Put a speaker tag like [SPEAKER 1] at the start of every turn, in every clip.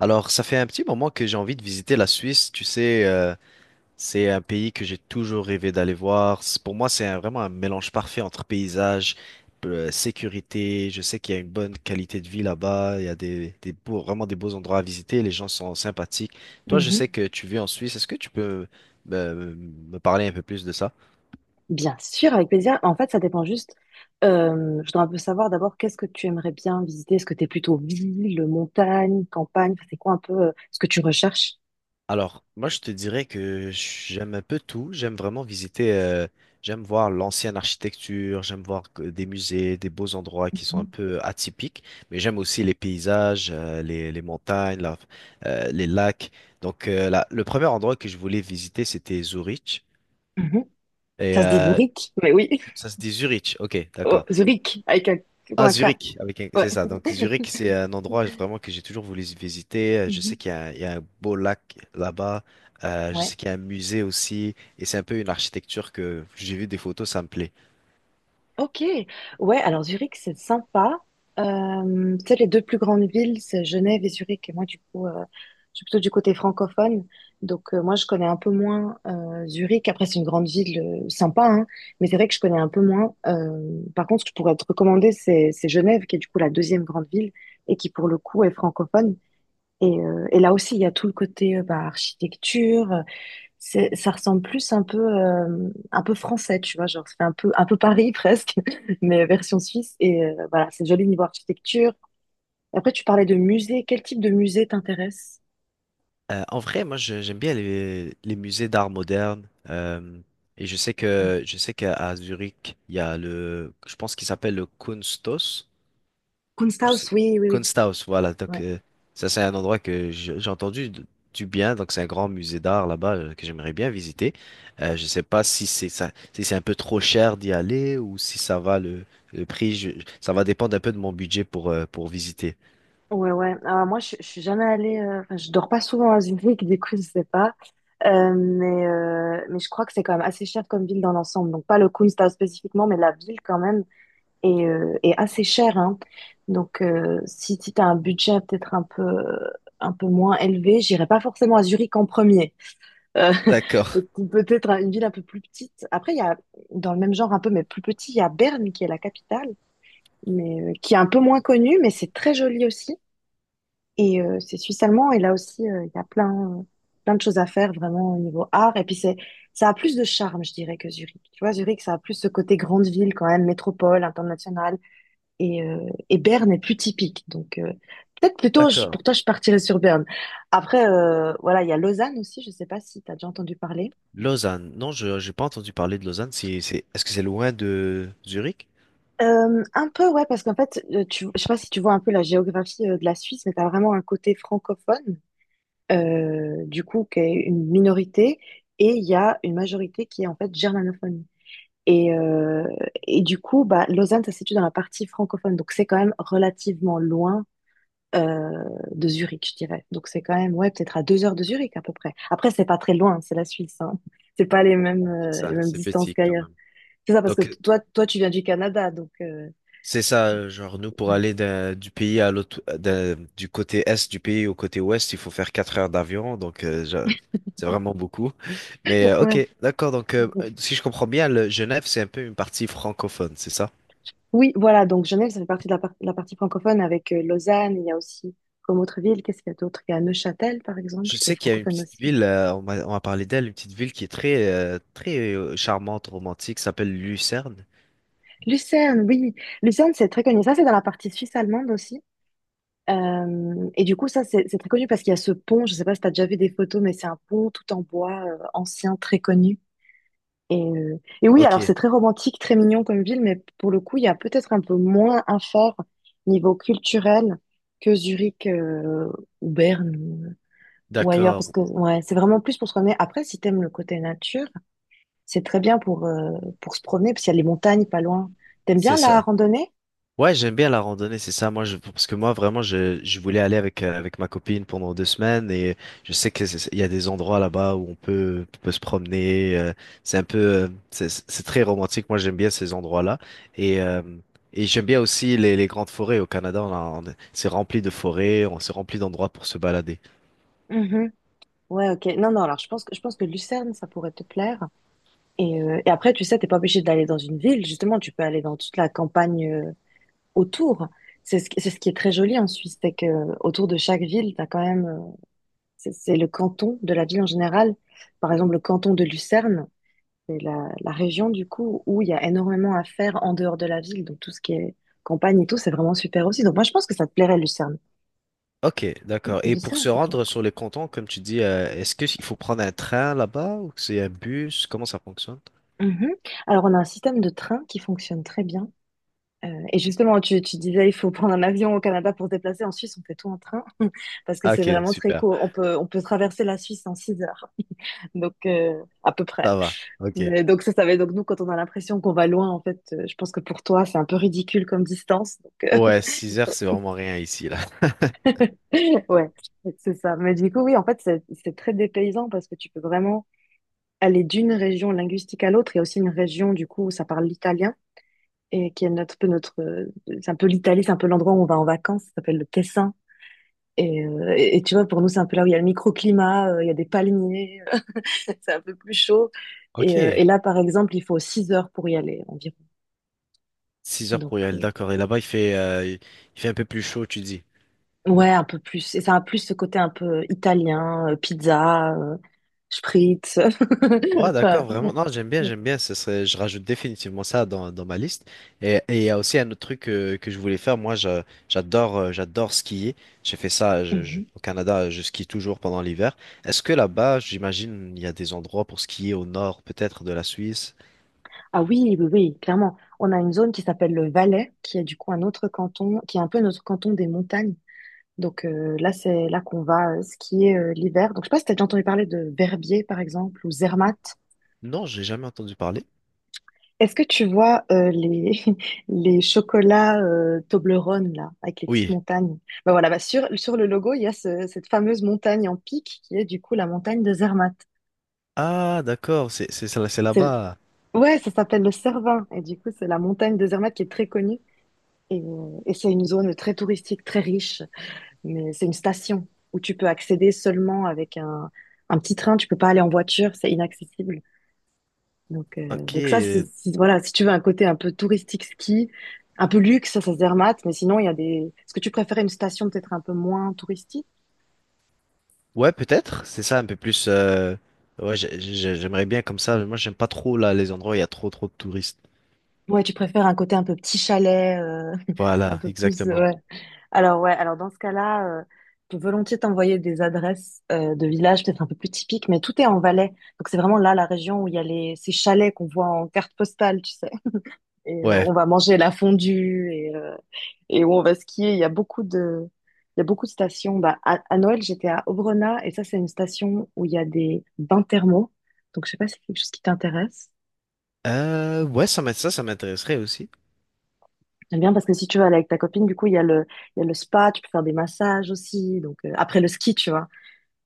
[SPEAKER 1] Alors, ça fait un petit moment que j'ai envie de visiter la Suisse. Tu sais, c'est un pays que j'ai toujours rêvé d'aller voir. Pour moi, vraiment un mélange parfait entre paysage, sécurité. Je sais qu'il y a une bonne qualité de vie là-bas. Il y a des beaux, vraiment des beaux endroits à visiter. Les gens sont sympathiques. Toi, je
[SPEAKER 2] Mhm.
[SPEAKER 1] sais que tu vis en Suisse. Est-ce que tu peux me parler un peu plus de ça?
[SPEAKER 2] Bien sûr, avec plaisir. En fait, ça dépend juste. Je dois un peu savoir d'abord qu'est-ce que tu aimerais bien visiter. Est-ce que tu es plutôt ville, montagne, campagne? Enfin, c'est quoi un peu ce que tu recherches?
[SPEAKER 1] Alors, moi, je te dirais que j'aime un peu tout. J'aime vraiment visiter, j'aime voir l'ancienne architecture, j'aime voir des musées, des beaux endroits qui sont un
[SPEAKER 2] Mhm.
[SPEAKER 1] peu atypiques, mais j'aime aussi les paysages, les montagnes, les lacs. Donc, le premier endroit que je voulais visiter, c'était Zurich.
[SPEAKER 2] Mhm.
[SPEAKER 1] Et
[SPEAKER 2] Ça se dit Zurich, mais oui,
[SPEAKER 1] ça se dit Zurich, ok,
[SPEAKER 2] Oh,
[SPEAKER 1] d'accord.
[SPEAKER 2] Zurich, avec un, comme
[SPEAKER 1] Ah,
[SPEAKER 2] un K.
[SPEAKER 1] Zurich,
[SPEAKER 2] Ouais.
[SPEAKER 1] c'est ça. Donc, Zurich, c'est un endroit vraiment que j'ai toujours voulu visiter. Je sais
[SPEAKER 2] Mhm.
[SPEAKER 1] qu'il y a il y a un beau lac là-bas. Je
[SPEAKER 2] Ouais.
[SPEAKER 1] sais qu'il y a un musée aussi. Et c'est un peu une architecture que j'ai vu des photos, ça me plaît.
[SPEAKER 2] Ok, ouais, alors Zurich, c'est sympa. Tu sais, les deux plus grandes villes, c'est Genève et Zurich. Et moi, du coup, je suis plutôt du côté francophone. Donc, moi, je connais un peu moins Zurich. Après, c'est une grande ville sympa, hein, mais c'est vrai que je connais un peu moins. Par contre, ce que je pourrais te recommander, c'est Genève, qui est du coup la deuxième grande ville et qui, pour le coup, est francophone. Et là aussi, il y a tout le côté bah, architecture, ça ressemble plus un peu français, tu vois, genre, ça fait un peu Paris presque, mais version suisse. Et voilà, c'est joli niveau architecture. Après, tu parlais de musée. Quel type de musée t'intéresse?
[SPEAKER 1] En vrai, moi, j'aime bien les musées d'art moderne. Et je sais qu'à à Zurich, il y a le, je pense qu'il s'appelle le Kunsthaus. Je
[SPEAKER 2] Kunsthaus, oui, oui, oui.
[SPEAKER 1] Kunsthaus, voilà.
[SPEAKER 2] Ouais,
[SPEAKER 1] Donc, ça, c'est un endroit que j'ai entendu du bien. Donc, c'est un grand musée d'art là-bas que j'aimerais bien visiter. Je sais pas si c'est ça, si c'est un peu trop cher d'y aller ou si ça va le prix. Ça va dépendre un peu de mon budget pour visiter.
[SPEAKER 2] ouais. Ouais. Alors, moi, je suis jamais allée. Enfin, je dors pas souvent à Zurich, du coup, je sais pas. Mais je crois que c'est quand même assez cher comme ville dans l'ensemble. Donc, pas le Kunsthaus spécifiquement, mais la ville quand même. Et assez cher, hein. Donc, si tu as un budget peut-être un peu moins élevé, j'irai pas forcément à Zurich en premier. Euh, peut-
[SPEAKER 1] D'accord,
[SPEAKER 2] peut-être à une ville un peu plus petite. Après, il y a, dans le même genre un peu, mais plus petit, il y a Berne qui est la capitale, mais qui est un peu moins connue, mais c'est très joli aussi. Et c'est suisse allemand, et là aussi, il y a plein, plein de choses à faire vraiment au niveau art. Et puis, c'est, ça a plus de charme, je dirais, que Zurich. Tu vois, Zurich, ça a plus ce côté grande ville quand même, métropole, internationale. Et, euh, et Berne est plus typique. Donc, peut-être plutôt,
[SPEAKER 1] d'accord.
[SPEAKER 2] pour toi, je partirais sur Berne. Après, voilà, il y a Lausanne aussi. Je sais pas si tu as déjà entendu parler.
[SPEAKER 1] Lausanne. Non, je j'ai pas entendu parler de Lausanne. Est-ce que c'est loin de Zurich?
[SPEAKER 2] Un peu, ouais, parce qu'en fait, je sais pas si tu vois un peu la géographie de la Suisse, mais tu as vraiment un côté francophone, du coup, qui est une minorité, et il y a une majorité qui est en fait germanophone. Et, euh, et du coup, bah, Lausanne, ça se situe dans la partie francophone, donc c'est quand même relativement loin euh, de Zurich, je dirais. Donc c'est quand même, ouais, peut-être à 2 heures de Zurich à peu près. Après, c'est pas très loin, hein, c'est la Suisse, hein. C'est pas les mêmes,
[SPEAKER 1] C'est
[SPEAKER 2] euh, les
[SPEAKER 1] ça,
[SPEAKER 2] mêmes
[SPEAKER 1] c'est
[SPEAKER 2] distances
[SPEAKER 1] petit quand
[SPEAKER 2] qu'ailleurs.
[SPEAKER 1] même.
[SPEAKER 2] C'est ça, parce que
[SPEAKER 1] Donc,
[SPEAKER 2] toi, tu viens du Canada, donc
[SPEAKER 1] c'est ça, genre nous pour aller du pays à l'autre, du côté est du pays au côté ouest, il faut faire 4 heures d'avion, donc c'est vraiment beaucoup. Mais
[SPEAKER 2] ouais.
[SPEAKER 1] ok, d'accord, donc si je comprends bien, le Genève c'est un peu une partie francophone, c'est ça?
[SPEAKER 2] Oui, voilà, donc Genève, ça fait partie de la partie francophone avec Lausanne, il y a aussi comme autre ville, qu'est-ce qu'il y a d'autre? Il y a Neuchâtel, par exemple,
[SPEAKER 1] Je
[SPEAKER 2] qui est
[SPEAKER 1] sais qu'il y a une
[SPEAKER 2] francophone
[SPEAKER 1] petite
[SPEAKER 2] aussi.
[SPEAKER 1] ville, on m'a parlé d'elle, une petite ville qui est très très charmante, romantique, s'appelle Lucerne.
[SPEAKER 2] Lucerne, oui, Lucerne, c'est très connu. Ça, c'est dans la partie suisse allemande aussi. Et du coup, ça, c'est très connu parce qu'il y a ce pont, je sais pas si tu as déjà vu des photos, mais c'est un pont tout en bois, ancien, très connu. Et oui,
[SPEAKER 1] Ok,
[SPEAKER 2] alors c'est très romantique, très mignon comme ville, mais pour le coup, il y a peut-être un peu moins à faire niveau culturel que Zurich, ou Berne, ou ailleurs, parce
[SPEAKER 1] d'accord,
[SPEAKER 2] que ouais, c'est vraiment plus pour se promener. Après, si t'aimes le côté nature, c'est très bien pour se promener, parce qu'il y a les montagnes pas loin. T'aimes
[SPEAKER 1] c'est
[SPEAKER 2] bien la
[SPEAKER 1] ça.
[SPEAKER 2] randonnée?
[SPEAKER 1] Ouais, j'aime bien la randonnée, c'est ça. Moi, parce que moi, vraiment, je voulais aller avec, avec ma copine pendant 2 semaines et je sais que il y a des endroits là-bas où on on peut se promener. C'est un peu, c'est très romantique. Moi, j'aime bien ces endroits-là et, euh, et j'aime bien aussi les grandes forêts au Canada. On a- on C'est rempli de forêts, on s'est rempli d'endroits pour se balader.
[SPEAKER 2] Ouais, ok. Non, non, alors je pense que Lucerne, ça pourrait te plaire. Et après, tu sais, t'es pas obligé d'aller dans une ville, justement, tu peux aller dans toute la campagne autour. C'est ce qui est très joli en Suisse, c'est que autour de chaque ville, t'as quand même, c'est le canton de la ville en général. Par exemple, le canton de Lucerne, c'est la région, du coup, où il y a énormément à faire en dehors de la ville. Donc, tout ce qui est campagne et tout, c'est vraiment super aussi. Donc, moi, je pense que ça te plairait, Lucerne.
[SPEAKER 1] Ok, d'accord. Et pour
[SPEAKER 2] Lucerne,
[SPEAKER 1] se
[SPEAKER 2] c'est tout.
[SPEAKER 1] rendre sur les cantons, comme tu dis, est-ce que il faut prendre un train là-bas ou que c'est un bus? Comment ça fonctionne?
[SPEAKER 2] Mhm. Alors, on a un système de train qui fonctionne très bien. Et justement, tu disais: «Il faut prendre un avion au Canada pour se déplacer». En Suisse, on fait tout en train parce que
[SPEAKER 1] Ah,
[SPEAKER 2] c'est
[SPEAKER 1] ok,
[SPEAKER 2] vraiment très
[SPEAKER 1] super.
[SPEAKER 2] court. On peut traverser la Suisse en 6 heures donc à peu près.
[SPEAKER 1] Ça va. Ok.
[SPEAKER 2] Mais donc ça va donc nous, quand on a l'impression qu'on va loin, en fait, je pense que pour toi, c'est un peu ridicule comme distance donc
[SPEAKER 1] Ouais, 6 heures, c'est vraiment rien ici, là.
[SPEAKER 2] ouais, c'est ça. Mais du coup, oui, en fait, c'est très dépaysant parce que tu peux vraiment aller d'une région linguistique à l'autre. Il y a aussi une région, du coup, où ça parle l'italien et qui est notre peu notre, c'est un peu l'Italie, c'est un peu l'endroit où on va en vacances, ça s'appelle le Tessin. Et tu vois, pour nous, c'est un peu là où il y a le microclimat, il y a des palmiers, c'est un peu plus chaud. Et, euh,
[SPEAKER 1] Ok,
[SPEAKER 2] et là, par exemple, il faut 6 heures pour y aller environ.
[SPEAKER 1] 6 heures
[SPEAKER 2] Donc,
[SPEAKER 1] pour y aller, d'accord. Et là-bas, il fait un peu plus chaud, tu dis.
[SPEAKER 2] ouais, un peu plus. Et ça a plus ce côté un peu italien, pizza, spritz.
[SPEAKER 1] Ouais, d'accord,
[SPEAKER 2] Enfin,
[SPEAKER 1] vraiment. Non, j'aime bien, j'aime bien. Ce serait, je rajoute définitivement ça dans ma liste. Et il y a aussi un autre truc je voulais faire. Moi, j'adore, j'adore skier. J'ai fait ça
[SPEAKER 2] Mhm.
[SPEAKER 1] au Canada. Je skie toujours pendant l'hiver. Est-ce que là-bas, j'imagine, il y a des endroits pour skier au nord, peut-être de la Suisse?
[SPEAKER 2] Ah oui, oui, oui, clairement. On a une zone qui s'appelle le Valais, qui est du coup un autre canton, qui est un peu notre canton des montagnes. Donc là, c'est là qu'on va skier l'hiver. Donc je sais pas si tu as déjà entendu parler de Verbier, par exemple, ou Zermatt.
[SPEAKER 1] Non, j'ai jamais entendu parler.
[SPEAKER 2] Est-ce que tu vois les, les chocolats Toblerone, là, avec les petites
[SPEAKER 1] Oui.
[SPEAKER 2] montagnes? Ben voilà, bah sur le logo, il y a cette fameuse montagne en pic qui est du coup la montagne de Zermatt.
[SPEAKER 1] Ah, d'accord. C'est
[SPEAKER 2] C'est-
[SPEAKER 1] là-bas.
[SPEAKER 2] Ouais, ça s'appelle le Cervin, et du coup, c'est la montagne de Zermatt qui est très connue. Et c'est une zone très touristique, très riche, mais c'est une station où tu peux accéder seulement avec un petit train, tu peux pas aller en voiture, c'est inaccessible.
[SPEAKER 1] Ok.
[SPEAKER 2] Donc ça, voilà, si tu veux un côté un peu touristique ski, un peu luxe, ça se dermate. Mais sinon, il y a des. Est-ce que tu préférais une station peut-être un peu moins touristique?
[SPEAKER 1] Ouais, peut-être. C'est ça, un peu plus. Ouais, j'aimerais bien comme ça. Moi, j'aime pas trop là les endroits où il y a trop, trop de touristes.
[SPEAKER 2] Ouais, tu préfères un côté un peu petit chalet, un
[SPEAKER 1] Voilà,
[SPEAKER 2] peu plus.
[SPEAKER 1] exactement.
[SPEAKER 2] Ouais. Alors ouais, alors dans ce cas-là, je peux volontiers t'envoyer des adresses de villages peut-être un peu plus typiques, mais tout est en Valais. Donc c'est vraiment là la région où il y a les ces chalets qu'on voit en carte postale, tu sais. Et
[SPEAKER 1] Ouais.
[SPEAKER 2] on va manger la fondue et où on va skier. Il y a beaucoup de, il y a beaucoup de stations. Bah, à Noël, j'étais à Obrona et ça, c'est une station où il y a des bains thermaux. Donc, je sais pas si c'est quelque chose qui t'intéresse.
[SPEAKER 1] Ouais, ça, ça m'intéresserait aussi.
[SPEAKER 2] J'aime bien parce que si tu vas aller avec ta copine, du coup, il y a le spa, tu peux faire des massages aussi. Donc, après le ski, tu vois.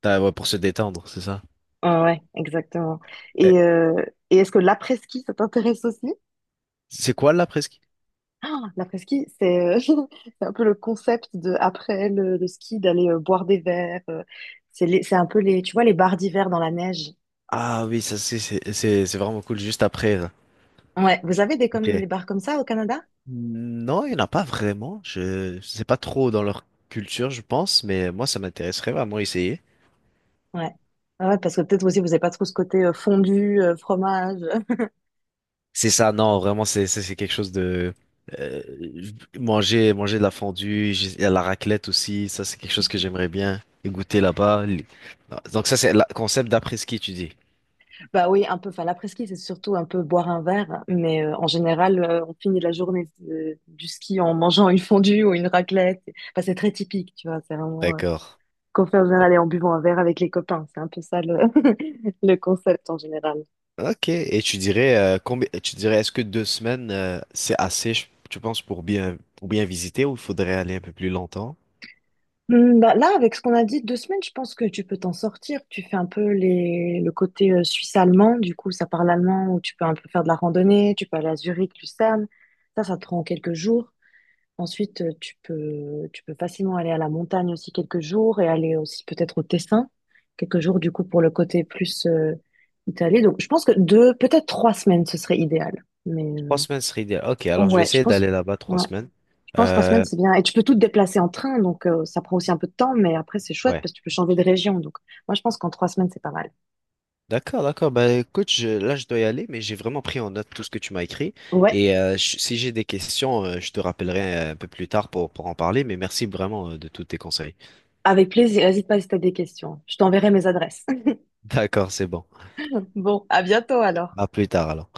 [SPEAKER 1] Ah, ouais, pour se détendre, c'est ça.
[SPEAKER 2] Ah ouais, exactement.
[SPEAKER 1] Eh,
[SPEAKER 2] Et, euh, et est-ce que l'après-ski, ça t'intéresse aussi?
[SPEAKER 1] c'est quoi la presqu'île?
[SPEAKER 2] Ah, l'après-ski, c'est c'est un peu le concept de après le ski d'aller boire des verres. C'est un peu les, tu vois, les bars d'hiver dans la neige.
[SPEAKER 1] Ah oui, ça c'est vraiment cool juste après. Là.
[SPEAKER 2] Ouais, vous avez des
[SPEAKER 1] Ok.
[SPEAKER 2] comme des bars comme ça au Canada?
[SPEAKER 1] Non, il n'y en a pas vraiment. Je sais pas trop dans leur culture, je pense, mais moi ça m'intéresserait vraiment essayer.
[SPEAKER 2] Ouais. Ah ouais, parce que peut-être aussi vous n'avez pas trop ce côté fondu, fromage.
[SPEAKER 1] C'est ça, non, vraiment c'est quelque chose de euh, manger de la fondue, il y a la raclette aussi, ça c'est quelque chose que j'aimerais bien goûter là-bas. Les- Donc ça c'est le concept d'après-ski, tu dis.
[SPEAKER 2] Bah oui, un peu. Enfin, l'après-ski, c'est surtout un peu boire un verre, mais en général, on finit la journée du ski en mangeant une fondue ou une raclette. Enfin, c'est très typique, tu vois. C'est vraiment.
[SPEAKER 1] D'accord.
[SPEAKER 2] Confessionnal et en buvant un verre avec les copains. C'est un peu ça le, le concept en général.
[SPEAKER 1] Ok. Et tu dirais combien tu dirais est-ce que 2 semaines c'est assez, tu penses, pour bien visiter ou il faudrait aller un peu plus longtemps?
[SPEAKER 2] Hmm, bah là, avec ce qu'on a dit, 2 semaines, je pense que tu peux t'en sortir. Tu fais un peu le côté suisse-allemand, du coup, ça parle allemand, où tu peux un peu faire de la randonnée, tu peux aller à Zurich, Lucerne. Ça te prend quelques jours. Ensuite, tu peux facilement aller à la montagne aussi quelques jours et aller aussi peut-être au Tessin, quelques jours, du coup, pour le côté plus Italie. Donc, je pense que deux, peut-être 3 semaines, ce serait idéal. Mais,
[SPEAKER 1] Trois
[SPEAKER 2] euh,
[SPEAKER 1] semaines serait idéal. Ok, alors je vais
[SPEAKER 2] Ouais, je
[SPEAKER 1] essayer
[SPEAKER 2] pense,
[SPEAKER 1] d'aller là-bas trois
[SPEAKER 2] ouais,
[SPEAKER 1] semaines.
[SPEAKER 2] je pense 3 semaines,
[SPEAKER 1] Euh,
[SPEAKER 2] c'est bien. Et tu peux tout te déplacer en train, donc ça prend aussi un peu de temps, mais après, c'est chouette
[SPEAKER 1] ouais.
[SPEAKER 2] parce que tu peux changer de région. Donc, moi, je pense qu'en 3 semaines, c'est pas mal.
[SPEAKER 1] D'accord, d'accord. Bah écoute, là je dois y aller, mais j'ai vraiment pris en note tout ce que tu m'as écrit.
[SPEAKER 2] Ouais,
[SPEAKER 1] Et si j'ai des questions, je te rappellerai un peu plus tard pour en parler, mais merci vraiment de tous tes conseils.
[SPEAKER 2] avec plaisir. N'hésite pas si t'as des questions. Je t'enverrai mes adresses.
[SPEAKER 1] D'accord, c'est bon.
[SPEAKER 2] Bon, à bientôt alors.
[SPEAKER 1] À plus tard alors.